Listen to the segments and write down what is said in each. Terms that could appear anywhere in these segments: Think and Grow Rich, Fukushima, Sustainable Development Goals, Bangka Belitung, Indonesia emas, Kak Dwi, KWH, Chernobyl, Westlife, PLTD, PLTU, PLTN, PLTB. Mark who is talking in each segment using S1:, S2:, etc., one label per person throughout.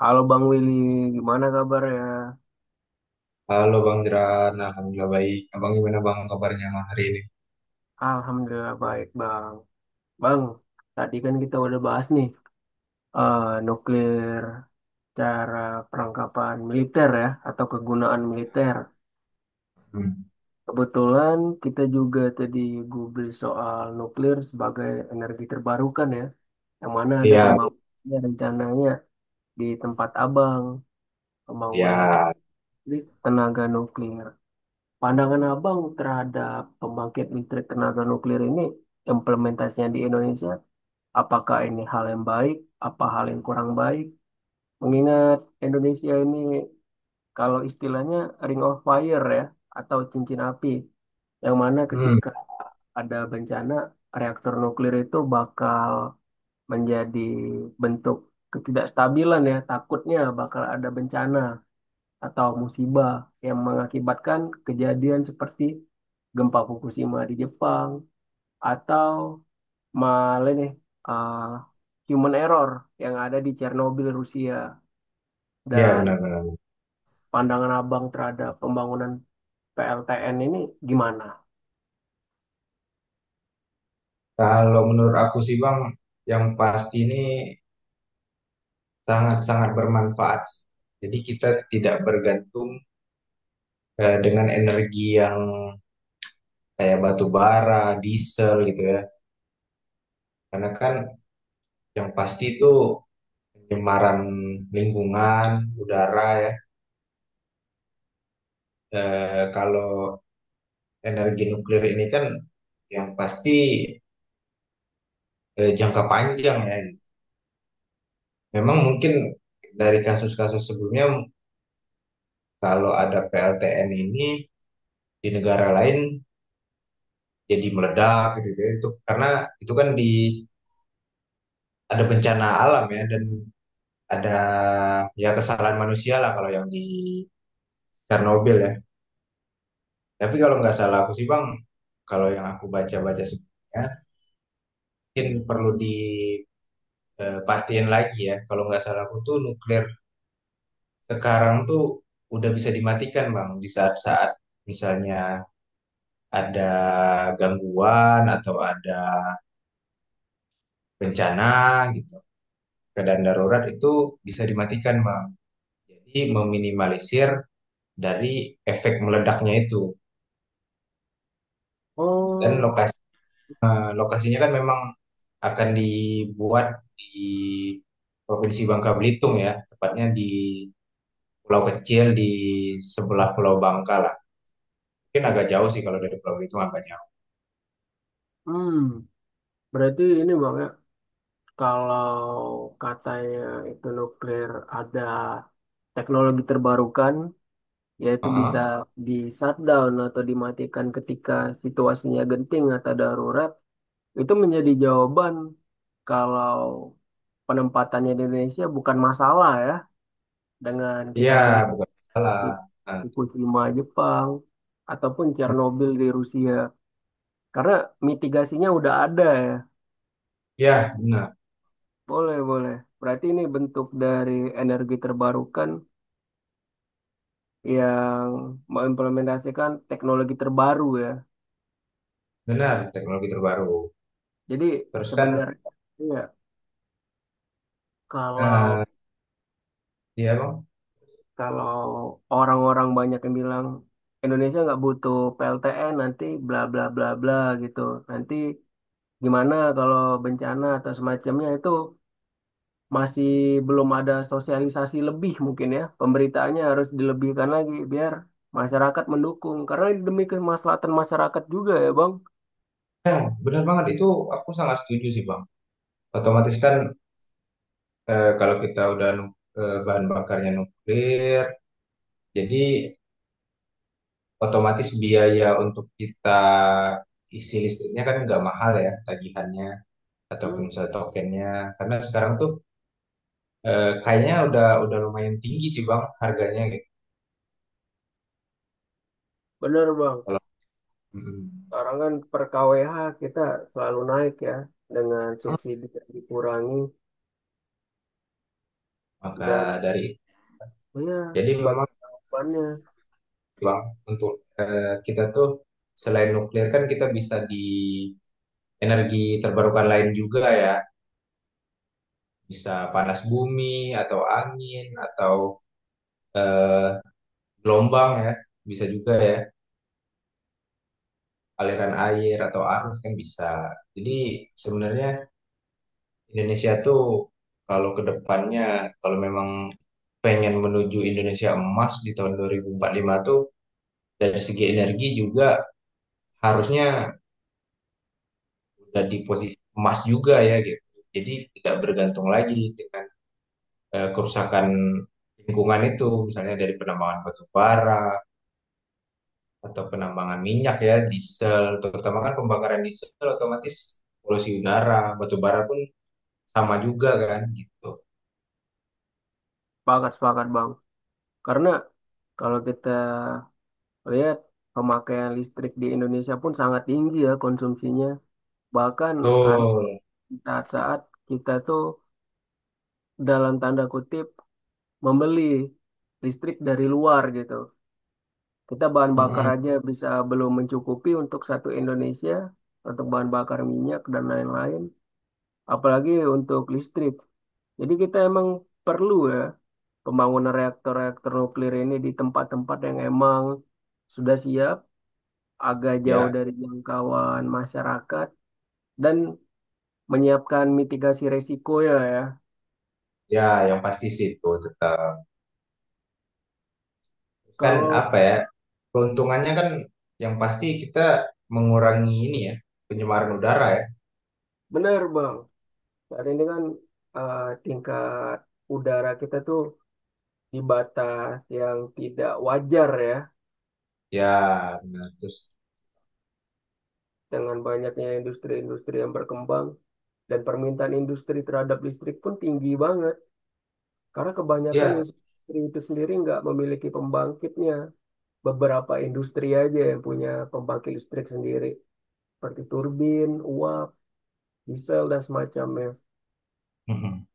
S1: Halo Bang Willy, gimana kabar ya?
S2: Halo Bang Jeran, Alhamdulillah baik. Abang gimana Bang kabarnya malam hari ini?
S1: Alhamdulillah baik Bang. Bang, tadi kan kita udah bahas nih nuklir cara perangkapan militer ya atau kegunaan militer.
S2: Hmm.
S1: Kebetulan kita juga tadi Google soal nuklir sebagai energi terbarukan ya, yang mana ada
S2: Iya,
S1: pembangunannya rencananya di tempat Abang,
S2: iya.
S1: pembangunan pabrik tenaga nuklir. Pandangan abang terhadap pembangkit listrik tenaga nuklir ini, implementasinya di Indonesia, apakah ini hal yang baik, apa hal yang kurang baik? Mengingat Indonesia ini, kalau istilahnya ring of fire ya, atau cincin api, yang mana
S2: Hmm,
S1: ketika ada bencana, reaktor nuklir itu bakal menjadi bentuk ketidakstabilan ya, takutnya bakal ada bencana atau musibah yang mengakibatkan kejadian seperti gempa Fukushima di Jepang atau malah nih uh, human error yang ada di Chernobyl Rusia
S2: iya
S1: dan
S2: benar-benar.
S1: pandangan abang terhadap pembangunan PLTN ini gimana?
S2: Kalau menurut aku sih Bang, yang pasti ini sangat-sangat bermanfaat. Jadi kita tidak bergantung dengan energi yang kayak batu bara, diesel gitu ya. Karena kan yang pasti itu pencemaran lingkungan, udara ya. Kalau energi nuklir ini kan yang pasti jangka panjang ya, gitu. Memang mungkin dari kasus-kasus sebelumnya kalau ada PLTN ini di negara lain jadi meledak gitu, gitu. Itu karena itu kan di ada bencana alam ya, dan ada ya kesalahan manusia lah kalau yang di Chernobyl ya. Tapi kalau nggak salah aku sih Bang, kalau yang aku baca-baca sebelumnya mungkin perlu di pastiin lagi ya. Kalau nggak salah aku tuh nuklir sekarang tuh udah bisa dimatikan Bang di saat-saat misalnya ada gangguan atau ada bencana gitu, keadaan darurat itu bisa dimatikan Bang, jadi meminimalisir dari efek meledaknya itu. Dan
S1: Oh,
S2: lokasinya kan memang akan dibuat di Provinsi Bangka Belitung ya, tepatnya di pulau kecil di sebelah Pulau Bangka lah, mungkin agak jauh sih kalau dari Pulau Belitung, agak jauh.
S1: hmm, berarti ini bang ya, kalau katanya itu nuklir ada teknologi terbarukan yaitu bisa
S2: Heeh.
S1: di shutdown atau dimatikan ketika situasinya genting atau darurat, itu menjadi jawaban kalau penempatannya di Indonesia bukan masalah ya dengan kita
S2: Iya,
S1: melihat
S2: bukan salah. Nah,
S1: Fukushima Jepang ataupun Chernobyl di Rusia karena mitigasinya udah ada ya.
S2: ya, benar,
S1: Boleh, boleh. Berarti ini bentuk dari energi terbarukan yang mengimplementasikan teknologi terbaru ya.
S2: benar teknologi terbaru.
S1: Jadi
S2: Terus kan,
S1: sebenarnya, iya. Kalau
S2: eh, ya bang,
S1: kalau orang-orang banyak yang bilang Indonesia nggak butuh PLTN nanti bla bla bla bla gitu. Nanti gimana kalau bencana atau semacamnya itu masih belum ada sosialisasi lebih mungkin ya. Pemberitaannya harus dilebihkan lagi biar masyarakat mendukung. Karena ini demi kemaslahatan masyarakat juga ya Bang.
S2: benar banget itu, aku sangat setuju sih bang. Otomatis kan eh, kalau kita udah nu- eh, bahan bakarnya nuklir, jadi otomatis biaya untuk kita isi listriknya kan nggak mahal ya tagihannya ataupun
S1: Hmm,
S2: misalnya tokennya. Karena sekarang tuh kayaknya udah lumayan tinggi sih bang harganya gitu.
S1: bener Bang.
S2: Kalau mm,
S1: Sekarang kan per KWH kita selalu naik ya dengan subsidi yang dikurangi.
S2: maka
S1: Dan
S2: dari
S1: iya,
S2: jadi
S1: sebagai
S2: memang
S1: jawabannya.
S2: lah untuk kita tuh, selain nuklir kan kita bisa di energi terbarukan lain juga ya, bisa panas bumi atau angin atau eh, gelombang ya, bisa juga ya aliran air atau arus kan bisa. Jadi sebenarnya Indonesia tuh kalau ke depannya kalau memang pengen menuju Indonesia emas di tahun 2045 tuh, dari segi energi juga harusnya udah di posisi emas juga ya gitu. Jadi tidak bergantung lagi dengan kerusakan lingkungan itu, misalnya dari penambangan batu bara atau penambangan minyak ya, diesel, terutama kan pembakaran diesel otomatis polusi udara, batu bara pun sama juga kan gitu.
S1: Sepakat, sepakat Bang. Karena kalau kita lihat pemakaian listrik di Indonesia pun sangat tinggi ya konsumsinya. Bahkan ada
S2: Betul.
S1: saat-saat kita tuh dalam tanda kutip membeli listrik dari luar gitu. Kita bahan bakar
S2: Mm-mm.
S1: aja bisa belum mencukupi untuk satu Indonesia, untuk bahan bakar minyak dan lain-lain, apalagi untuk listrik. Jadi kita emang perlu ya pembangunan reaktor-reaktor nuklir ini di tempat-tempat yang emang sudah siap, agak jauh
S2: Ya,
S1: dari jangkauan masyarakat, dan menyiapkan mitigasi resiko ya ya.
S2: ya yang pasti situ tetap. Kan
S1: Kalau
S2: apa ya? Keuntungannya kan yang pasti kita mengurangi ini ya, pencemaran udara ya.
S1: benar Bang, saat ini kan tingkat udara kita tuh di batas yang tidak wajar ya
S2: Ya, benar. Terus
S1: dengan banyaknya industri-industri yang berkembang. Dan permintaan industri terhadap listrik pun tinggi banget. Karena kebanyakan
S2: ya.
S1: industri itu sendiri nggak memiliki pembangkitnya. Beberapa industri aja yang punya pembangkit listrik sendiri. Seperti turbin, uap, diesel, dan semacamnya.
S2: Mhm.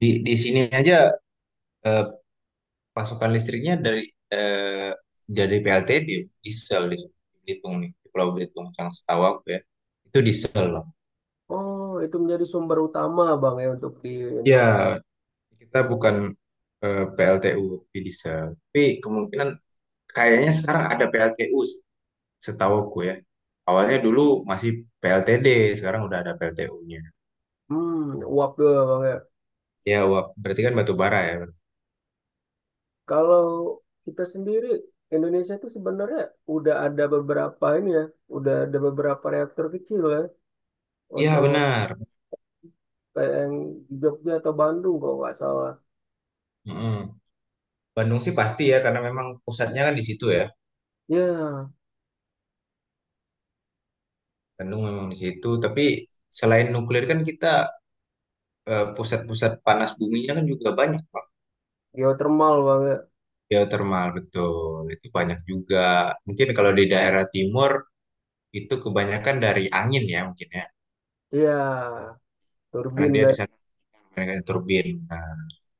S2: Di sini aja eh, pasokan listriknya eh, dari PLTB diesel di Belitung nih, di Pulau Belitung, yang setahu aku ya itu diesel loh.
S1: Oh, itu menjadi sumber utama Bang ya untuk di ini.
S2: Ya, kita bukan PLTU tapi diesel. Tapi kemungkinan kayaknya sekarang ada PLTU sih, setahu aku ya. Awalnya dulu masih PLTD, sekarang udah ada PLTU-nya.
S1: Hmm, uap tuh Bang ya.
S2: Ya wah, berarti kan batu bara ya.
S1: Kalau kita sendiri, Indonesia itu sebenarnya udah ada beberapa ini ya, udah ada beberapa reaktor kecil ya
S2: Iya
S1: untuk
S2: benar.
S1: kayak yang di Jogja atau Bandung kalau nggak salah.
S2: Mm-mm. Bandung sih pasti ya, karena memang pusatnya kan di situ ya.
S1: Iya,
S2: Bandung memang di situ, tapi selain nuklir kan kita pusat-pusat panas buminya kan juga banyak, Pak.
S1: geothermal banget.
S2: Geotermal, betul. Itu banyak juga. Mungkin kalau di daerah timur itu kebanyakan dari angin ya mungkin ya.
S1: Iya,
S2: Karena
S1: turbin
S2: dia di
S1: naik.
S2: sana mereka turbin, nah,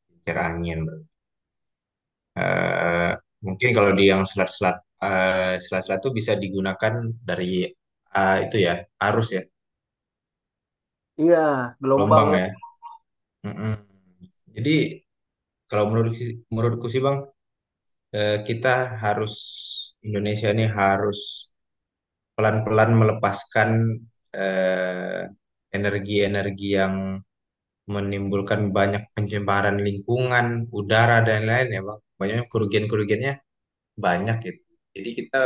S2: kincir angin. Eh, Mungkin kalau di yang selat-selat itu bisa digunakan dari itu ya, arus ya,
S1: Iya, gelombang
S2: gelombang ya.
S1: naik.
S2: Mm-mm. Jadi kalau menurutku sih Bang, kita harus Indonesia ini harus pelan-pelan melepaskan eh, energi-energi yang menimbulkan banyak pencemaran lingkungan, udara dan lain-lain ya Bang. Banyak kerugian-kerugiannya, banyak gitu. Jadi kita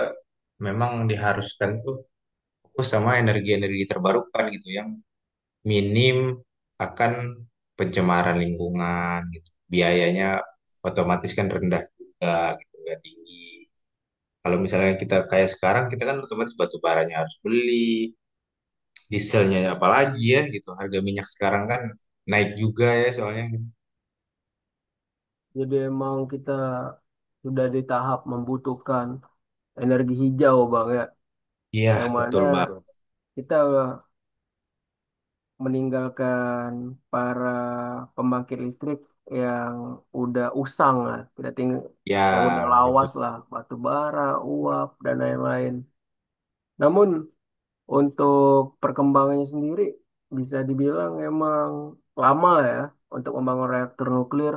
S2: memang diharuskan tuh fokus sama energi-energi terbarukan gitu, yang minim akan pencemaran lingkungan gitu. Biayanya otomatis kan rendah juga gitu, nggak tinggi. Kalau misalnya kita kayak sekarang, kita kan otomatis batu baranya harus beli, dieselnya apalagi ya gitu. Harga minyak sekarang kan naik juga ya soalnya.
S1: Jadi emang kita sudah di tahap membutuhkan energi hijau bang ya,
S2: Iya,
S1: yang iya, mana
S2: betul Bang.
S1: betul. Kita meninggalkan para pembangkit listrik yang udah usang lah, yang udah
S2: Ya, itu.
S1: lawas lah, batu bara, uap dan lain-lain. Namun untuk perkembangannya sendiri bisa dibilang emang lama ya untuk membangun reaktor nuklir.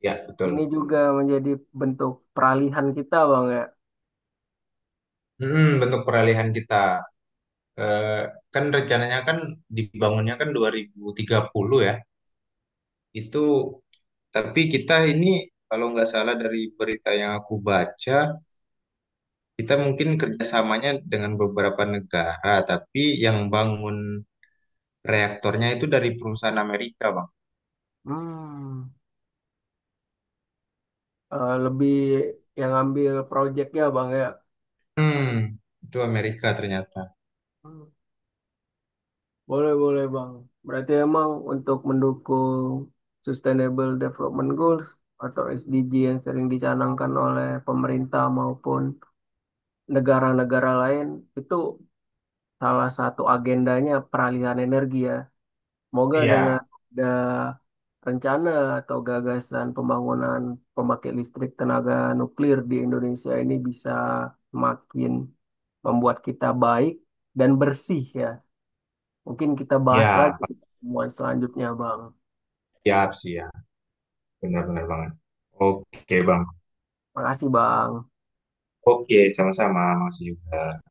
S2: Ya,
S1: Ini
S2: betul.
S1: juga menjadi bentuk peralihan kita, Bang ya.
S2: Bentuk peralihan kita. Eh, Kan rencananya kan dibangunnya kan 2030 ya. Itu tapi kita ini, kalau nggak salah dari berita yang aku baca, kita mungkin kerjasamanya dengan beberapa negara, tapi yang bangun reaktornya itu dari perusahaan Amerika, Bang.
S1: Hmm. Eh, lebih yang ngambil proyeknya, Bang ya.
S2: Hmm, itu Amerika ternyata.
S1: Hmm. Boleh, boleh, Bang. Berarti emang untuk mendukung Sustainable Development Goals atau SDG yang sering dicanangkan oleh pemerintah maupun negara-negara lain, itu salah satu agendanya peralihan energi ya. Semoga dengan
S2: Iya,
S1: ada rencana atau gagasan pembangunan pemakai listrik tenaga nuklir di Indonesia ini bisa semakin membuat kita baik dan bersih ya. Mungkin kita bahas
S2: ya,
S1: lagi
S2: Pak.
S1: di pertemuan selanjutnya, Bang.
S2: Siap, siap. Benar-benar banget. Oke, Bang.
S1: Makasih, Bang.
S2: Oke, sama-sama. Makasih juga.